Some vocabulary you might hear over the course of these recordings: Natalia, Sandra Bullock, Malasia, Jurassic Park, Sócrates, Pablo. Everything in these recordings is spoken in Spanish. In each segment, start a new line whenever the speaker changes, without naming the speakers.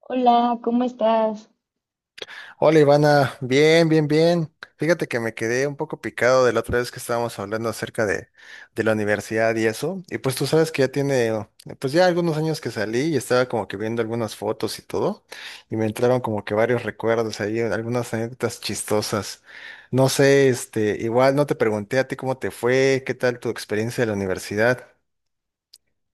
Hola, ¿cómo estás?
Hola Ivana, bien, bien, bien. Fíjate que me quedé un poco picado de la otra vez que estábamos hablando acerca de la universidad y eso. Y pues tú sabes que ya tiene, oh, pues ya algunos años que salí y estaba como que viendo algunas fotos y todo. Y me entraron como que varios recuerdos ahí, algunas anécdotas chistosas. No sé, este, igual no te pregunté a ti cómo te fue, qué tal tu experiencia de la universidad.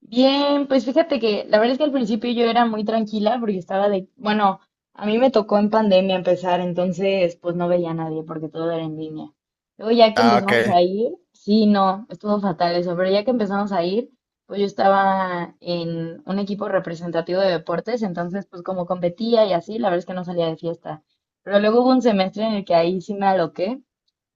Bien, pues fíjate que la verdad es que al principio yo era muy tranquila porque estaba de, bueno, a mí me tocó en pandemia empezar, entonces pues no veía a nadie porque todo era en línea. Luego ya que
Ah,
empezamos a
ok.
ir, sí, no, estuvo fatal eso, pero ya que empezamos a ir, pues yo estaba en un equipo representativo de deportes, entonces pues como competía y así, la verdad es que no salía de fiesta. Pero luego hubo un semestre en el que ahí sí me aloqué.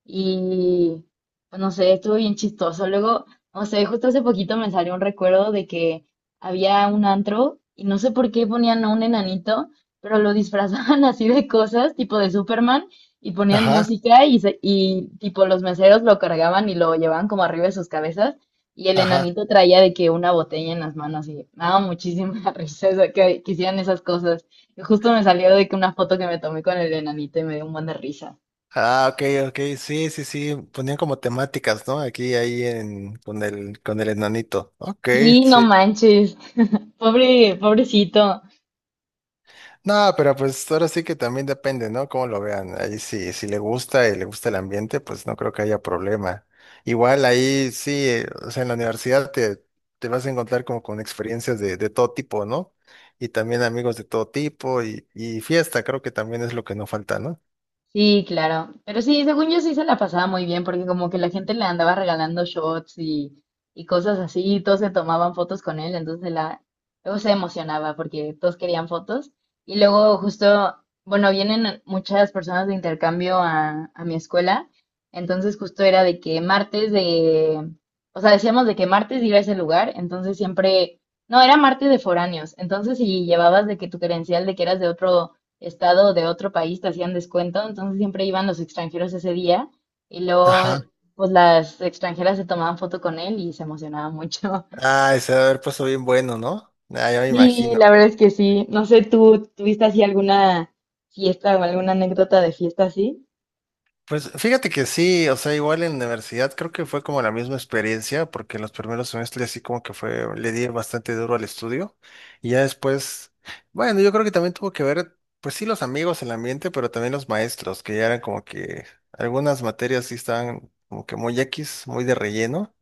Y pues, no sé, estuvo bien chistoso. Luego, no sé, justo hace poquito me salió un recuerdo de que había un antro y no sé por qué ponían a un enanito, pero lo disfrazaban así de cosas, tipo de Superman, y ponían
Ajá,
música y, y tipo los meseros lo cargaban y lo llevaban como arriba de sus cabezas. Y el
ajá.
enanito traía de que una botella en las manos y me daba muchísima risa, o sea, que hicieran esas cosas. Y justo me salió de que una foto que me tomé con el enanito y me dio un buen de risa.
Ah, ok, ok, sí, sí, sí, ponían como temáticas, ¿no? Ahí con el enanito. Ok,
Sí, no
sí.
manches. Pobre, pobrecito.
No, pero pues ahora sí que también depende, ¿no? Cómo lo vean. Ahí sí, si le gusta y le gusta el ambiente, pues no creo que haya problema. Igual ahí sí, o sea, en la universidad te vas a encontrar como con experiencias de todo tipo, ¿no? Y también amigos de todo tipo y fiesta, creo que también es lo que no falta, ¿no?
Sí, claro. Pero sí, según yo sí se la pasaba muy bien, porque como que la gente le andaba regalando shots y cosas así, y todos se tomaban fotos con él, entonces la, luego se emocionaba porque todos querían fotos. Y luego justo, bueno, vienen muchas personas de intercambio a mi escuela, entonces justo era de que martes de, o sea, decíamos de que martes iba a ese lugar, entonces siempre, no, era martes de foráneos, entonces si llevabas de que tu credencial de que eras de otro estado o de otro país te hacían descuento, entonces siempre iban los extranjeros ese día y luego
Ajá.
pues las extranjeras se tomaban foto con él y se emocionaban mucho.
Ah, ese debe haber puesto bien bueno, ¿no? Ah, ya me
Sí,
imagino.
la verdad es que sí. No sé, ¿tú tuviste así alguna fiesta o alguna anécdota de fiesta así?
Pues fíjate que sí, o sea, igual en la universidad creo que fue como la misma experiencia, porque en los primeros semestres sí como que fue, le di bastante duro al estudio, y ya después, bueno, yo creo que también tuvo que ver, pues sí, los amigos, el ambiente, pero también los maestros, que ya eran como que algunas materias sí estaban como que muy X, muy de relleno,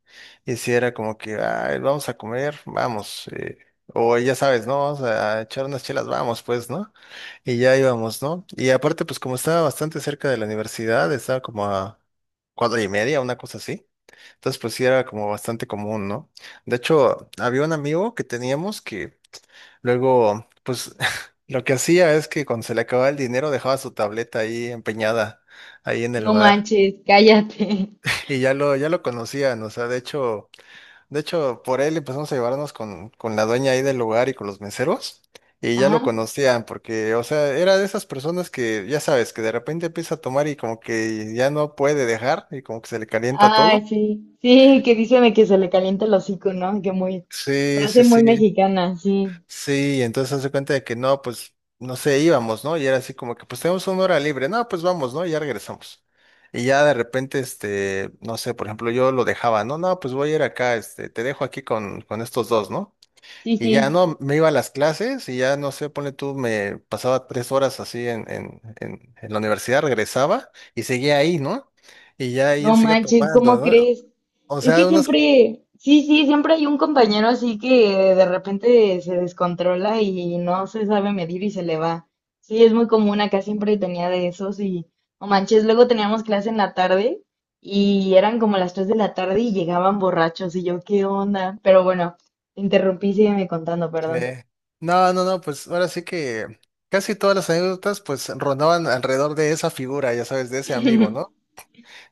y sí era como que, "Ay, vamos a comer, vamos, o ya sabes, ¿no? Vamos a echar unas chelas, vamos, pues, ¿no?" Y ya íbamos, ¿no? Y aparte, pues como estaba bastante cerca de la universidad, estaba como a cuadra y media, una cosa así. Entonces, pues sí era como bastante común, ¿no? De hecho, había un amigo que teníamos que luego, pues lo que hacía es que cuando se le acababa el dinero dejaba su tableta ahí empeñada, ahí en el
No
bar.
manches, cállate.
Y ya lo conocían, o sea, de hecho... De hecho, por él empezamos a llevarnos con la dueña ahí del lugar y con los meseros, y ya lo
Ajá.
conocían, porque, o sea, era de esas personas que, ya sabes, que de repente empieza a tomar y como que ya no puede dejar, y como que se le calienta
Ay,
todo.
sí. Sí, que dicen de que se le calienta el hocico, ¿no? Que muy,
Sí, sí,
frase muy
sí,
mexicana, sí.
sí, entonces hace cuenta de que no, pues, no sé, íbamos, ¿no? Y era así como que, pues tenemos una hora libre, no, pues vamos, ¿no? Y ya regresamos. Y ya de repente, este, no sé, por ejemplo, yo lo dejaba, no, no, pues voy a ir acá, este, te dejo aquí con estos dos, ¿no?
Sí,
Y ya
sí.
no, me iba a las clases y ya no sé, ponle tú, me pasaba tres horas así en la universidad, regresaba y seguía ahí, ¿no? Y ya ahí
No
él seguía
manches, ¿cómo
tomando, ¿no?
crees?
O
Es
sea,
que
unas...
siempre, sí, sí, siempre hay un compañero así que de repente se descontrola y no se sabe medir y se le va. Sí, es muy común, acá siempre tenía de esos y, no manches, luego teníamos clase en la tarde y eran como las 3 de la tarde y llegaban borrachos y yo, ¿qué onda? Pero bueno, te interrumpí, sígueme contando, perdón.
eh, no, no, no, pues ahora sí que casi todas las anécdotas pues rondaban alrededor de esa figura, ya sabes, de ese amigo, ¿no?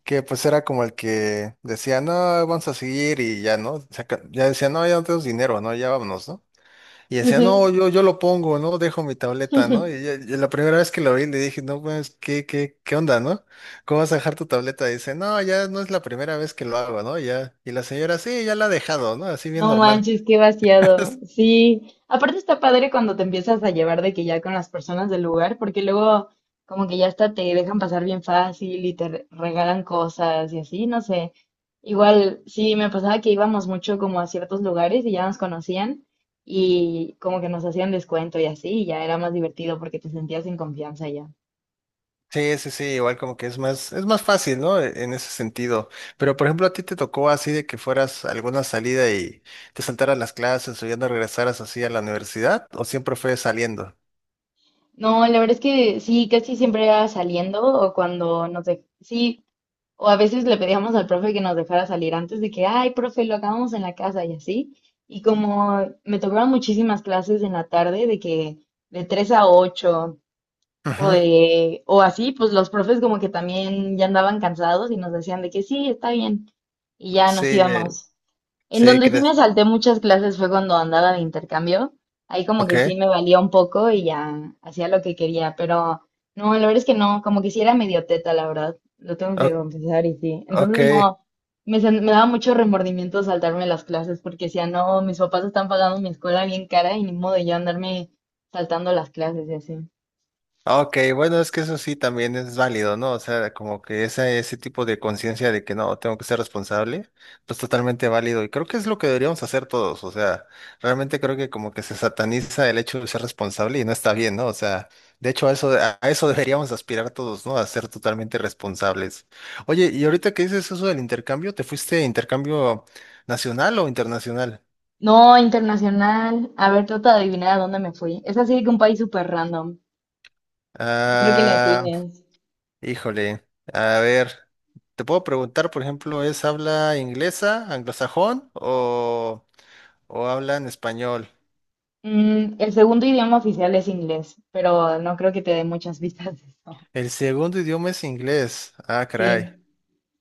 Que pues era como el que decía, no, vamos a seguir y ya, ¿no? Ya decía, no, ya no tenemos dinero, ¿no? Ya vámonos, ¿no? Y decía, no,
Sí,
yo lo pongo, ¿no? Dejo mi tableta, ¿no?
sí.
Y, ya la primera vez que lo vi le dije, no, pues, ¿qué onda, no? ¿Cómo vas a dejar tu tableta? Y dice, no, ya no es la primera vez que lo hago, ¿no? Ya. Y la señora, sí, ya la ha dejado, ¿no? Así bien
No
normal.
manches, qué vaciado. Sí, aparte está padre cuando te empiezas a llevar de que ya con las personas del lugar, porque luego como que ya hasta te dejan pasar bien fácil y te regalan cosas y así, no sé. Igual, sí, me pasaba que íbamos mucho como a ciertos lugares y ya nos conocían y como que nos hacían descuento y así, y ya era más divertido porque te sentías en confianza ya.
Sí, sí, sí, igual como que es más fácil, ¿no? En ese sentido. Pero, por ejemplo, a ti te tocó así de que fueras a alguna salida y te saltaras las clases o ya no regresaras así a la universidad, o siempre fue saliendo.
No, la verdad es que sí, casi siempre era saliendo o cuando nos de... sí, o a veces le pedíamos al profe que nos dejara salir antes de que, ay, profe, lo acabamos en la casa y así. Y como me tocaban muchísimas clases en la tarde de que de 3 a 8 o
Ujú.
de o así, pues los profes como que también ya andaban cansados y nos decían de que sí, está bien. Y ya
Sí,
nos íbamos. En
sí,
donde sí me
crees.
salté muchas clases fue cuando andaba de intercambio. Ahí como
Ok,
que sí me valía un poco y ya hacía lo que quería, pero no, la verdad es que no, como que sí era medio teta, la verdad. Lo tengo que
o-
confesar y sí.
ok.
Entonces no, me, me daba mucho remordimiento saltarme las clases porque decía, no, mis papás están pagando mi escuela bien cara y ni modo de yo andarme saltando las clases y así.
Ok, bueno, es que eso sí también es válido, ¿no? O sea, como que ese tipo de conciencia de que no, tengo que ser responsable, pues totalmente válido. Y creo que es lo que deberíamos hacer todos. O sea, realmente creo que como que se sataniza el hecho de ser responsable y no está bien, ¿no? O sea, de hecho a eso, a eso deberíamos aspirar todos, ¿no? A ser totalmente responsables. Oye, y ahorita que dices eso del intercambio, ¿te fuiste intercambio nacional o internacional?
No, internacional. A ver, trata de adivinar a dónde me fui. Es así de que un país súper random. No creo que le
Ah,
atines.
híjole, a ver, te puedo preguntar, por ejemplo, ¿es habla inglesa, anglosajón o habla en español?
El segundo idioma oficial es inglés, pero no creo que te dé muchas vistas de eso.
El segundo idioma es inglés. Ah, caray.
Sí,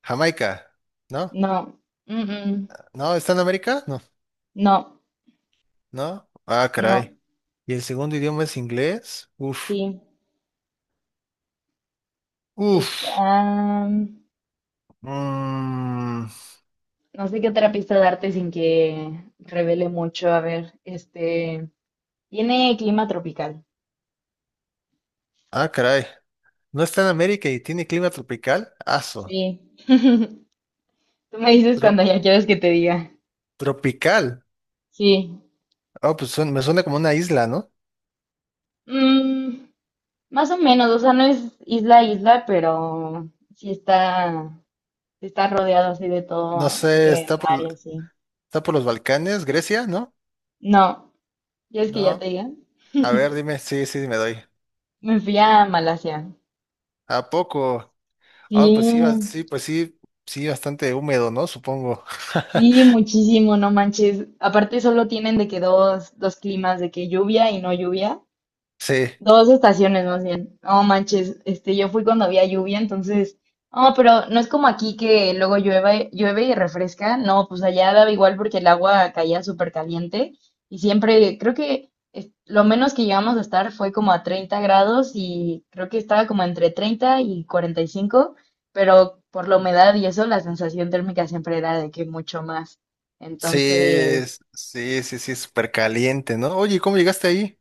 Jamaica, ¿no?
no, mm, mm,
¿No? ¿Está en América? No,
no,
¿no? Ah,
no,
caray. ¿Y el segundo idioma es inglés? Uf,
sí.
uf.
Está, no
Mm.
sé qué otra pista darte sin que revele mucho. A ver, tiene clima tropical.
Ah, caray. ¿No está en América y tiene clima tropical? Aso.
Sí. Tú me dices cuando
Tro-
ya quieres que te diga.
Tropical.
Sí.
Oh, pues suena- me suena como una isla, ¿no?
Mm, más o menos, o sea, no es isla a isla, pero sí está. Estás rodeado así de
No
todo, de
sé,
que
está
mar y
por...
así.
Está por los Balcanes, Grecia, ¿no?
No, ya es que ya te
No.
diga.
A ver, dime, sí, sí, me doy.
Me fui a Malasia.
¿A poco? Ah, pues sí,
Sí,
sí, pues sí, sí, bastante húmedo, ¿no? Supongo.
sí, muchísimo, no manches. Aparte solo tienen de que dos climas, de que lluvia y no lluvia.
Sí,
Dos estaciones más bien. No manches, este, yo fui cuando había lluvia, entonces, no, pero no es como aquí que luego llueve, llueve y refresca. No, pues allá daba igual porque el agua caía súper caliente y siempre, creo que lo menos que llegamos a estar fue como a 30 grados y creo que estaba como entre 30 y 45, pero por la humedad y eso, la sensación térmica siempre era de que mucho más.
sí,
Entonces,
sí, sí, sí, súper caliente, ¿no? Oye, ¿cómo llegaste ahí?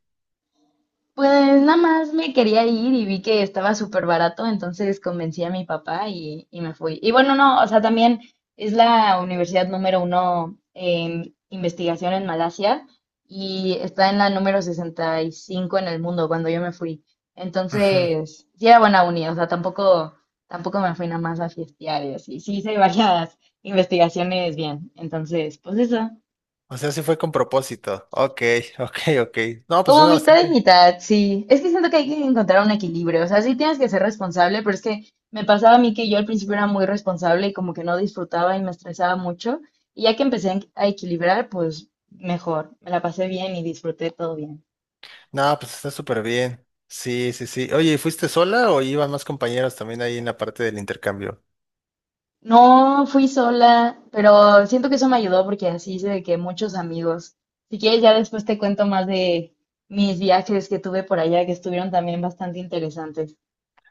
pues nada más me quería ir y vi que estaba súper barato, entonces convencí a mi papá y me fui. Y bueno, no, o sea, también es la universidad número uno en investigación en Malasia y está en la número 65 en el mundo cuando yo me fui.
Ujú.
Entonces, sí era buena uni, o sea, tampoco, tampoco me fui nada más a fiestear y así. Sí hice varias investigaciones bien, entonces, pues eso.
O sea, sí fue con propósito. Ok, ok, ok. No, pues
Como
suena
mitad y
bastante.
mitad, sí. Es que siento que hay que encontrar un equilibrio. O sea, sí tienes que ser responsable, pero es que me pasaba a mí que yo al principio era muy responsable y como que no disfrutaba y me estresaba mucho. Y ya que a equilibrar, pues mejor. Me la pasé bien y disfruté todo bien.
No, pues está súper bien. Sí, sí, sí. Oye, ¿y ¿fuiste sola o iban más compañeros también ahí en la parte del intercambio?
No fui sola, pero siento que eso me ayudó porque así hice de que muchos amigos. Si quieres, ya después te cuento más de mis viajes que tuve por allá, que estuvieron también bastante interesantes.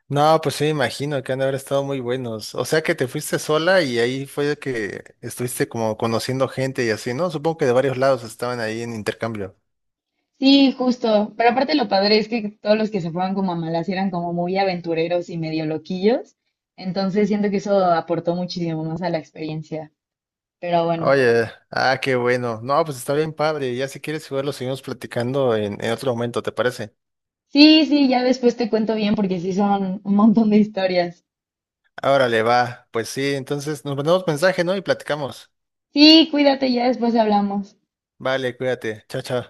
No, pues sí, me imagino que han de haber estado muy buenos. O sea que te fuiste sola y ahí fue que estuviste como conociendo gente y así, ¿no? Supongo que de varios lados estaban ahí en intercambio.
Sí, justo. Pero aparte lo padre es que todos los que se fueron como a Malasia eran como muy aventureros y medio loquillos. Entonces siento que eso aportó muchísimo más a la experiencia. Pero bueno.
Oye, ah, qué bueno. No, pues está bien padre. Ya si quieres jugar lo seguimos platicando en otro momento, ¿te parece?
Sí, sí, ya después te cuento bien porque sí son un montón de historias.
Órale, va. Pues sí, entonces nos mandamos mensaje, ¿no? Y platicamos.
Sí, cuídate, ya después hablamos.
Vale, cuídate. Chao, chao.